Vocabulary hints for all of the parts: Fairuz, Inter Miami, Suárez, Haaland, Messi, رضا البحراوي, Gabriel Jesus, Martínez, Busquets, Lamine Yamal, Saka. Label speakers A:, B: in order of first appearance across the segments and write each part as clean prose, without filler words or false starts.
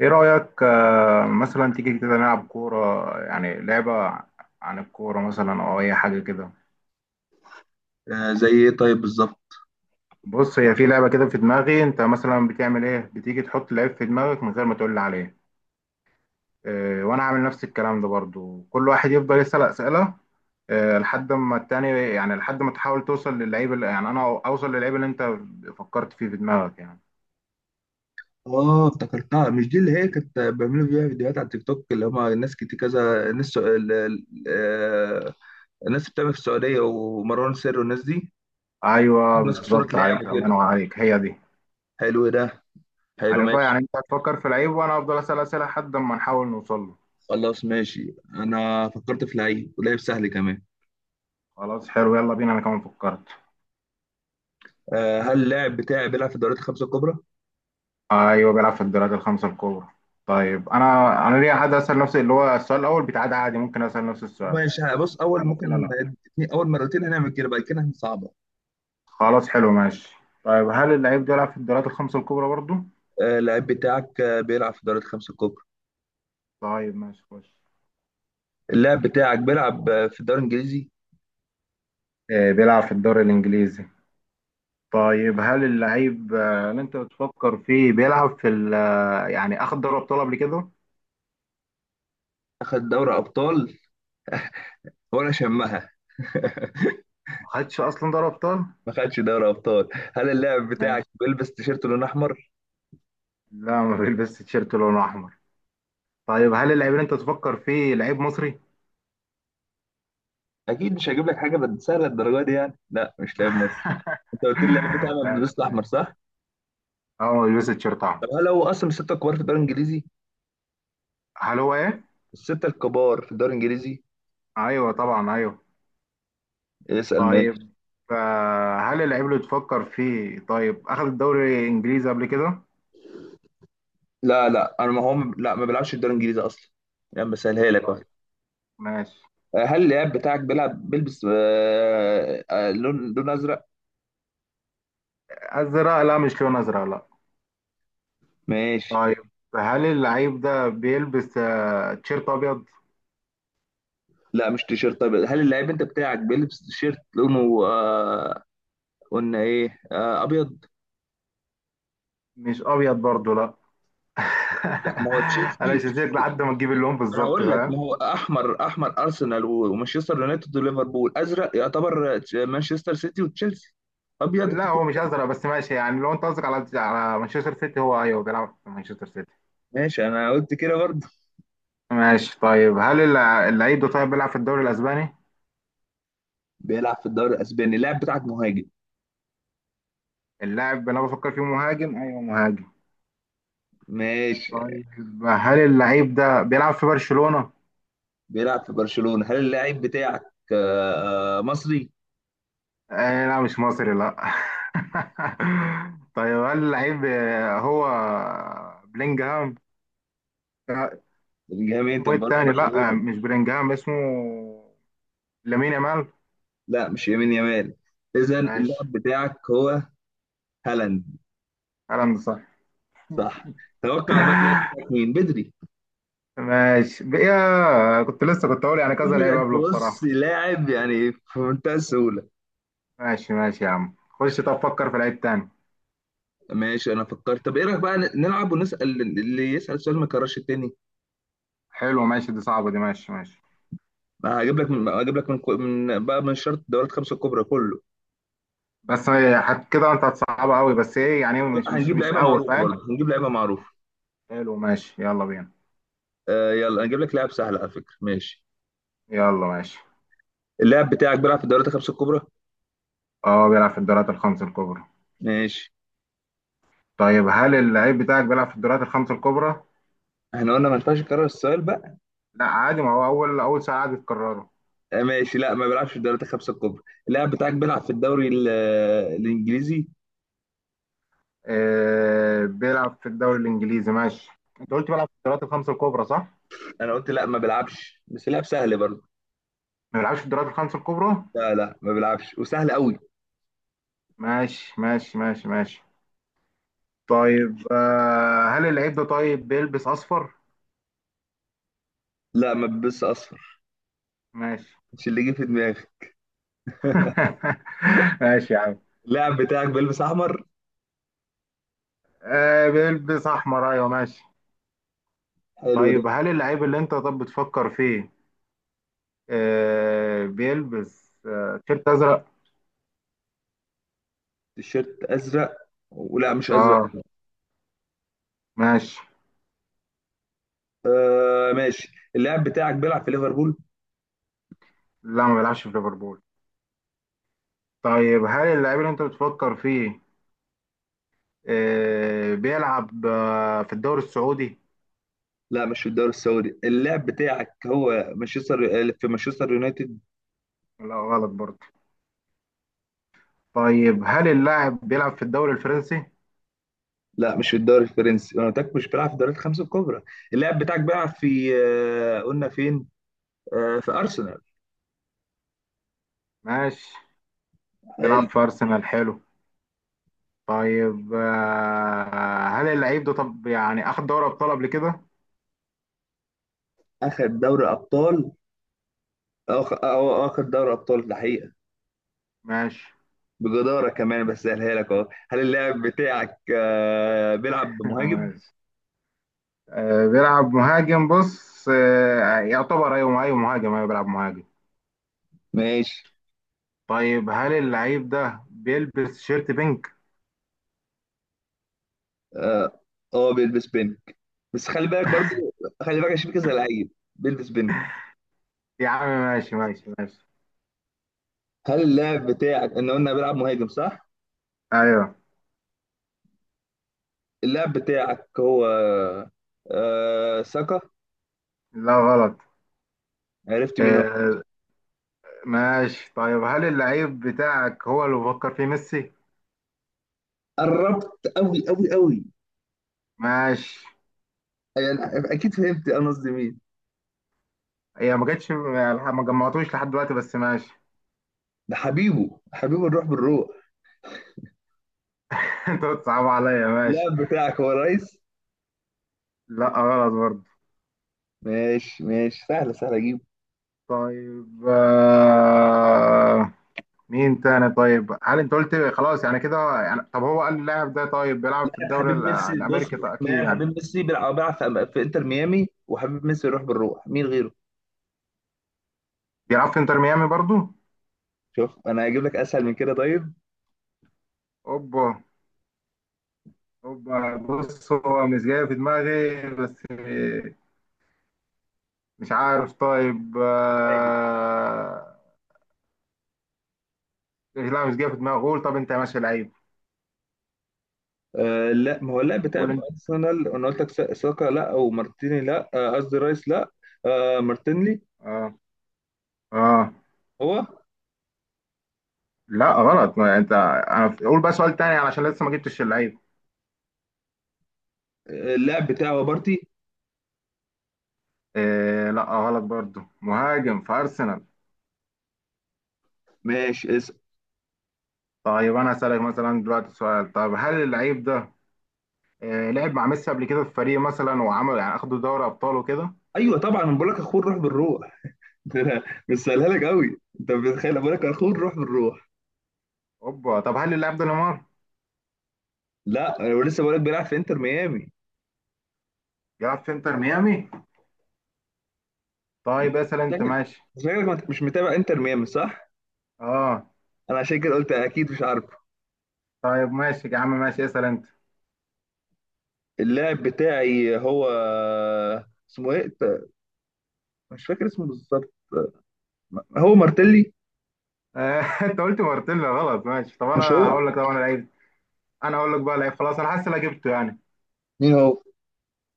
A: ايه رأيك؟ مثلا تيجي كده نلعب كورة، يعني لعبة عن الكورة مثلا او اي حاجة كده.
B: زي ايه طيب بالظبط.
A: بص، هي في لعبة كده في دماغي. انت مثلا بتعمل ايه؟ بتيجي تحط لعيب في دماغك من غير ما تقول لي عليه. إيه، وانا عامل نفس الكلام ده برضو. كل واحد يفضل يسأل أسئلة، إيه، لحد ما التاني، يعني لحد ما تحاول توصل للعيب يعني انا اوصل للعيب اللي انت فكرت فيه في دماغك يعني.
B: اه افتكرتها، مش دي اللي هي كانت بيعملوا فيها فيديوهات على التيك توك اللي هم ناس كتير كذا ناس الناس اللي بتعمل في السعوديه ومروان سر والناس دي.
A: ايوه
B: ناس في صوره
A: بالظبط،
B: لعب
A: عليك الله،
B: وكده.
A: ينور عليك، هي دي،
B: حلو، إيه ده؟ حلو
A: عارفها يعني.
B: ماشي.
A: انت هتفكر في لعيب وانا افضل اسأل أسئلة لحد ما نحاول نوصل له.
B: خلاص ماشي، انا فكرت في لعيب ولعيب سهل كمان.
A: خلاص، حلو، يلا بينا. انا كمان فكرت.
B: هل اللاعب بتاعي بيلعب في الدوريات الخمسه الكبرى؟
A: ايوه، بيلعب في الدوريات الخمسه الكبرى. طيب، انا ليه عادي اسال نفسي، اللي هو السؤال الاول بتاع ده، عادي ممكن اسال نفس السؤال.
B: ماشي بص اول ممكن
A: لا، لا، لا.
B: اول مرتين هنعمل كده، بعد كده هنصعبها.
A: خلاص، حلو، ماشي. طيب، هل اللعيب ده بيلعب في الدوريات الخمسه الكبرى برضو؟
B: اللاعب بتاعك بيلعب في الدوريات الخمسه الكبرى.
A: طيب، ماشي، خش.
B: اللاعب بتاعك بيلعب في الدوري الانجليزي.
A: بيلعب في الدوري الانجليزي. طيب، هل اللعيب اللي انت بتفكر فيه بيلعب في ال آه، يعني اخد دوري ابطال قبل كده؟
B: اخد دوري ابطال، وانا شمها.
A: ما خدش اصلا دوري ابطال.
B: ما خدش دوري ابطال. هل اللاعب بتاعك
A: ماشي.
B: بيلبس تيشيرت لون احمر؟
A: لا، ما بيلبس تيشيرت لونه احمر. طيب، هل اللعيب اللي انت تفكر فيه لعيب مصري؟
B: اكيد مش هجيب لك حاجه سهله الدرجه دي يعني، لا مش لاعب مصر. انت قلت لي اللاعب بتاعنا
A: ماشي،
B: بيلبس احمر
A: ماشي.
B: صح؟
A: هو بيلبس التيشيرت احمر.
B: طب هل هو اصلا من السته الكبار في الدوري الانجليزي؟
A: هل هو ايه؟
B: السته الكبار في الدوري الانجليزي.
A: ايوه طبعا، ايوه.
B: اسال ماشي.
A: طيب، هل اللعيب اللي تفكر فيه طيب اخذ الدوري الانجليزي قبل كده؟
B: لا لا، انا ما هو لا ما بيلعبش في الدوري الانجليزي اصلا، يعني بسهلها لك اهو.
A: طيب، ماشي.
B: هل اللاعب بتاعك بيلبس لون ازرق؟
A: ازرق؟ لا، مش لون ازرق، لا.
B: ماشي.
A: طيب، هل اللعيب ده بيلبس تيشيرت ابيض؟
B: لا مش تيشيرت، طيب هل اللعيب انت بتاعك بيلبس تيشيرت لونه قلنا ايه ابيض؟
A: مش ابيض برضه، لا.
B: لا ما هو
A: انا
B: تشيلسي.
A: مش هسيبك لحد ما تجيب اللون
B: انا
A: بالظبط،
B: هقول لك
A: فاهم؟
B: ما هو احمر، احمر ارسنال ومانشستر يونايتد وليفربول، ازرق يعتبر مانشستر سيتي وتشيلسي، ابيض أنت
A: لا،
B: بتقول-.
A: هو مش ازرق بس ماشي يعني، لو انت قصدك على مانشستر سيتي، هو ايوه بيلعب في مانشستر سيتي.
B: ماشي انا قلت كده برضه.
A: ماشي. طيب، هل اللعيب ده طيب بيلعب في الدوري الاسباني؟
B: بيلعب في الدوري الاسباني، اللاعب بتاعك مهاجم.
A: اللاعب اللي انا بفكر فيه مهاجم، ايوه مهاجم.
B: ماشي.
A: طيب، هل اللعيب ده بيلعب في برشلونة؟
B: بيلعب في برشلونة، هل اللاعب بتاعك مصري؟
A: آه لا، مش مصري، لا. طيب، هل اللعيب هو بلينجهام؟ آه،
B: الجميع
A: اسمه
B: انت في
A: ايه التاني؟ لا،
B: برشلونة.
A: مش بلينجهام، اسمه لامين يامال.
B: لا مش يمين يمال. اذا
A: ماشي،
B: اللاعب بتاعك هو هالاند.
A: كلام صح.
B: صح. توقع بقى اللي قدامك مين بدري.
A: ماشي بقى، كنت لسه كنت اقول يعني كذا
B: يجي
A: لعيب
B: لك
A: قبله
B: بص
A: بصراحة.
B: لاعب يعني في منتهى السهوله.
A: ماشي ماشي يا عم، خش، طب فكر في لعيب تاني.
B: ماشي انا فكرت، طب ايه رايك بقى نلعب ونسال اللي يسال سؤال ما يكررش التاني.
A: حلو، ماشي. دي صعبة دي. ماشي ماشي.
B: بقى هجيب لك من من بقى من شرط الدورات الخمسه الكبرى كله.
A: بس هي كده انت هتصعبها قوي، بس ايه يعني مش مش
B: هنجيب
A: مش
B: لعيبه
A: قوي
B: معروفه
A: فاهم.
B: برضه، هنجيب لعيبه معروفه.
A: حلو، ماشي، يلا بينا.
B: يلا هنجيب لك لاعب سهل على فكره ماشي.
A: يلا، ماشي.
B: اللاعب بتاعك بيلعب في الدورات الخمسه الكبرى.
A: اه، بيلعب في الدوريات الخمس الكبرى.
B: ماشي.
A: طيب، هل اللعيب بتاعك بيلعب في الدوريات الخمس الكبرى؟
B: احنا قلنا ما ينفعش نكرر السؤال بقى.
A: لا عادي، ما هو اول سؤال عادي تكرره.
B: آه ماشي، لا ما بيلعبش في الدورات الخمسه الكبرى. اللاعب بتاعك بيلعب في الدوري الانجليزي.
A: آه، بيلعب في الدوري الانجليزي، ماشي. انت قلت بيلعب في الدوريات الخمس الكبرى، صح؟
B: انا قلت لا ما بيلعبش بس لعب سهل برضه.
A: ما بيلعبش في الدوريات الخمس الكبرى؟
B: لا لا ما بيلعبش وسهل قوي.
A: ماشي، ماشي، ماشي، ماشي. طيب، هل اللعيب ده طيب بيلبس اصفر؟
B: لا ما بلبسش اصفر.
A: ماشي.
B: مش اللي جه في دماغي.
A: ماشي يا عم.
B: اللاعب بتاعك بيلبس احمر.
A: آه، بيلبس احمر، ايوه، ماشي.
B: حلو ده.
A: طيب، هل اللعيب اللي انت طب بتفكر فيه بيلبس تيشيرت ازرق؟
B: التيشيرت ازرق، ولا مش ازرق؟
A: اه، ماشي.
B: آه ماشي. اللاعب بتاعك بيلعب في ليفربول.
A: لا، ما بيلعبش في ليفربول. طيب، هل اللعيب اللي انت بتفكر فيه بيلعب في الدوري السعودي؟
B: لا مش في الدوري السعودي، اللاعب بتاعك هو مانشستر، في مانشستر يونايتد.
A: لا، غلط برضه. طيب، هل اللاعب بيلعب في الدوري الفرنسي؟
B: لا مش في الدوري الفرنسي، انا قلت لك مش بيلعب في الدوريات الخمسه الكبرى. اللاعب بتاعك بيلعب في قلنا فين في ارسنال.
A: ماشي. بيلعب في
B: حلو.
A: ارسنال، حلو. طيب، هل اللعيب ده طب يعني اخد دوري ابطال قبل كده؟
B: اخد دوري ابطال. أو أخد دوري أبطال ده حقيقة،
A: ماشي.
B: بجدارة كمان بس سهلها لك أهو. هل اللاعب بتاعك بيلعب بمهاجم؟
A: ماشي. آه، بيلعب مهاجم، بص، يعتبر، ايوه ايوه، مهاجم، ايوه بيلعب مهاجم.
B: ماشي.
A: طيب، هل اللعيب ده بيلبس شيرت بينك؟
B: أه بيلبس بينك. بس خلي بالك برضو، خلي بالك عشان في كذا لعيب بيلبس بينك.
A: يا عم، ماشي ماشي ماشي.
B: هل اللاعب بتاعك إن قلنا بيلعب مهاجم صح؟
A: ايوه.
B: اللاعب بتاعك هو ساكا.
A: لا، غلط.
B: عرفت مين هو.
A: آه، ماشي. طيب، هل اللعيب بتاعك هو اللي بفكر فيه ميسي؟
B: قربت أوي أوي أوي.
A: ماشي.
B: يعني أكيد فهمت أنا قصدي مين.
A: هي ما جاتش، ما جمعتوش لحد دلوقتي، بس ماشي.
B: ده حبيبه، حبيبه الروح بالروح.
A: انت بتصعب عليا، ماشي.
B: اللاعب بتاعك هو رئيس.
A: لا، غلط برضه.
B: ماشي ماشي سهلة سهلة أجيب.
A: طيب. مين تاني؟ طيب، هل انت قلت خلاص يعني كده يعني طب هو قال اللاعب ده طيب بيلعب في
B: لاعب
A: الدوري
B: حبيب ميسي بص،
A: الامريكي؟ طيب، اكيد
B: لاعب
A: يعني.
B: حبيب ميسي بيلعب في انتر ميامي، وحبيب ميسي يروح بالروح، مين غيره؟
A: بيلعب في انتر ميامي برضو.
B: شوف انا هجيب لك اسهل من كده طيب.
A: اوبا. اوبا، بص هو مش جاي في دماغي بس. مش عارف. طيب،
B: مهاجم.
A: لا مش جاي في دماغي. قول، طب انت يا ماشي لعيب.
B: لا ما هو اللاعب بتاع
A: قول انت.
B: ارسنال، انا قلت لك ساكا لا، ومارتيني لا، قصدي رايس لا. مارتينلي.
A: اه، اه.
B: هو
A: لا غلط. ما انت انا، قول بقى سؤال تاني علشان لسه ما جبتش اللعيب.
B: اللاعب بتاعه بارتي.
A: آه لا غلط برضو، مهاجم في ارسنال.
B: ماشي
A: طيب، انا هسألك مثلا دلوقتي سؤال. طب، هل اللعيب ده لعب مع ميسي قبل كده في فريق مثلا وعمل يعني اخدوا دوري ابطال وكده؟
B: ايوه طبعا انا بقول لك اخوه الروح بالروح. مش سهلها لك قوي، انت بتخيل بقول لك اخوه الروح بالروح.
A: اوبا. طب، هل اللاعب ده نيمار؟
B: لا انا لسه بقول لك بيلعب في انتر ميامي.
A: بيلعب في انتر ميامي. طيب، اسأل انت،
B: شكلك
A: ماشي.
B: شكلك ما أنت مش متابع انتر ميامي صح؟
A: اه.
B: انا عشان كده قلت اكيد مش عارفه.
A: طيب، ماشي يا عم، ماشي، اسأل انت.
B: اللاعب بتاعي هو اسمه ايه؟ مش فاكر اسمه بالظبط. هو مارتيلي.
A: انت قلت مارتيلا غلط، ماشي. طب، انا
B: مش هو.
A: هقول لك. طب، انا لعيب. انا هقول لك بقى لعيب. خلاص، انا حاسس إن انا جبته يعني.
B: مين هو.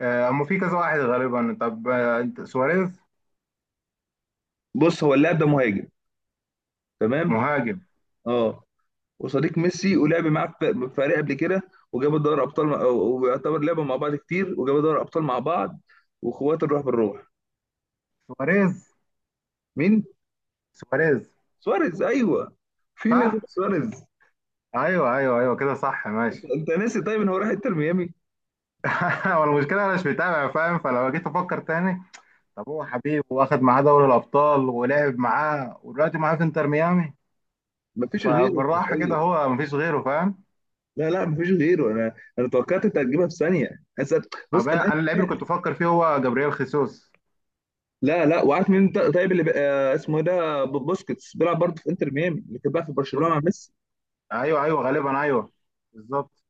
A: اما في كذا واحد غالبا. طب، انت سواريز؟
B: بص هو اللاعب ده مهاجم. تمام.
A: مهاجم.
B: اه، وصديق ميسي، ولعب معاه في فريق قبل كده، وجابوا دوري ابطال ويعتبر لعبوا مع بعض كتير، وجابوا دوري ابطال مع بعض، واخوات الروح بالروح.
A: سواريز.
B: مين؟
A: سواريز.
B: سواريز ايوه. في مين غير
A: صح،
B: سواريز؟
A: ايوه ايوه ايوه كده صح،
B: انت
A: ماشي.
B: أنت ناسي طيب ان هو راح انتر ميامي.
A: هو المشكله انا مش متابع فاهم، فلو جيت افكر تاني. طب، هو حبيب، واخد معاه دوري الابطال ولعب معاه ودلوقتي معاه في انتر ميامي.
B: مفيش غيره
A: فبالراحه كده
B: حرفيا.
A: هو مفيش غيره، فاهم.
B: لا لا مفيش غيره، انا توقعت انت هتجيبها في ثانيه. أصل- بص
A: طب،
B: انا.
A: انا اللعيب اللي كنت بفكر فيه هو جابرييل خيسوس.
B: لا لا، وعارف مين طيب اللي بقى اسمه ايه ده؟ بوسكيتس بيلعب برضه في انتر ميامي، اللي كان بقى في
A: ب-
B: برشلونه مع ميسي.
A: ايوه ايوه غالبا، ايوه بالظبط.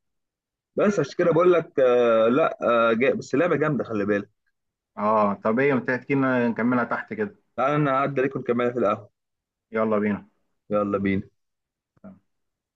B: بس عشان كده بقول لك لا. بس اللعبه جامده، خلي بالك.
A: اه، طب ايه، ما تحكي لنا نكملها تحت كده.
B: تعالى انا هعدي عليكم نكملها في القهوه.
A: يلا بينا.
B: يلا بينا.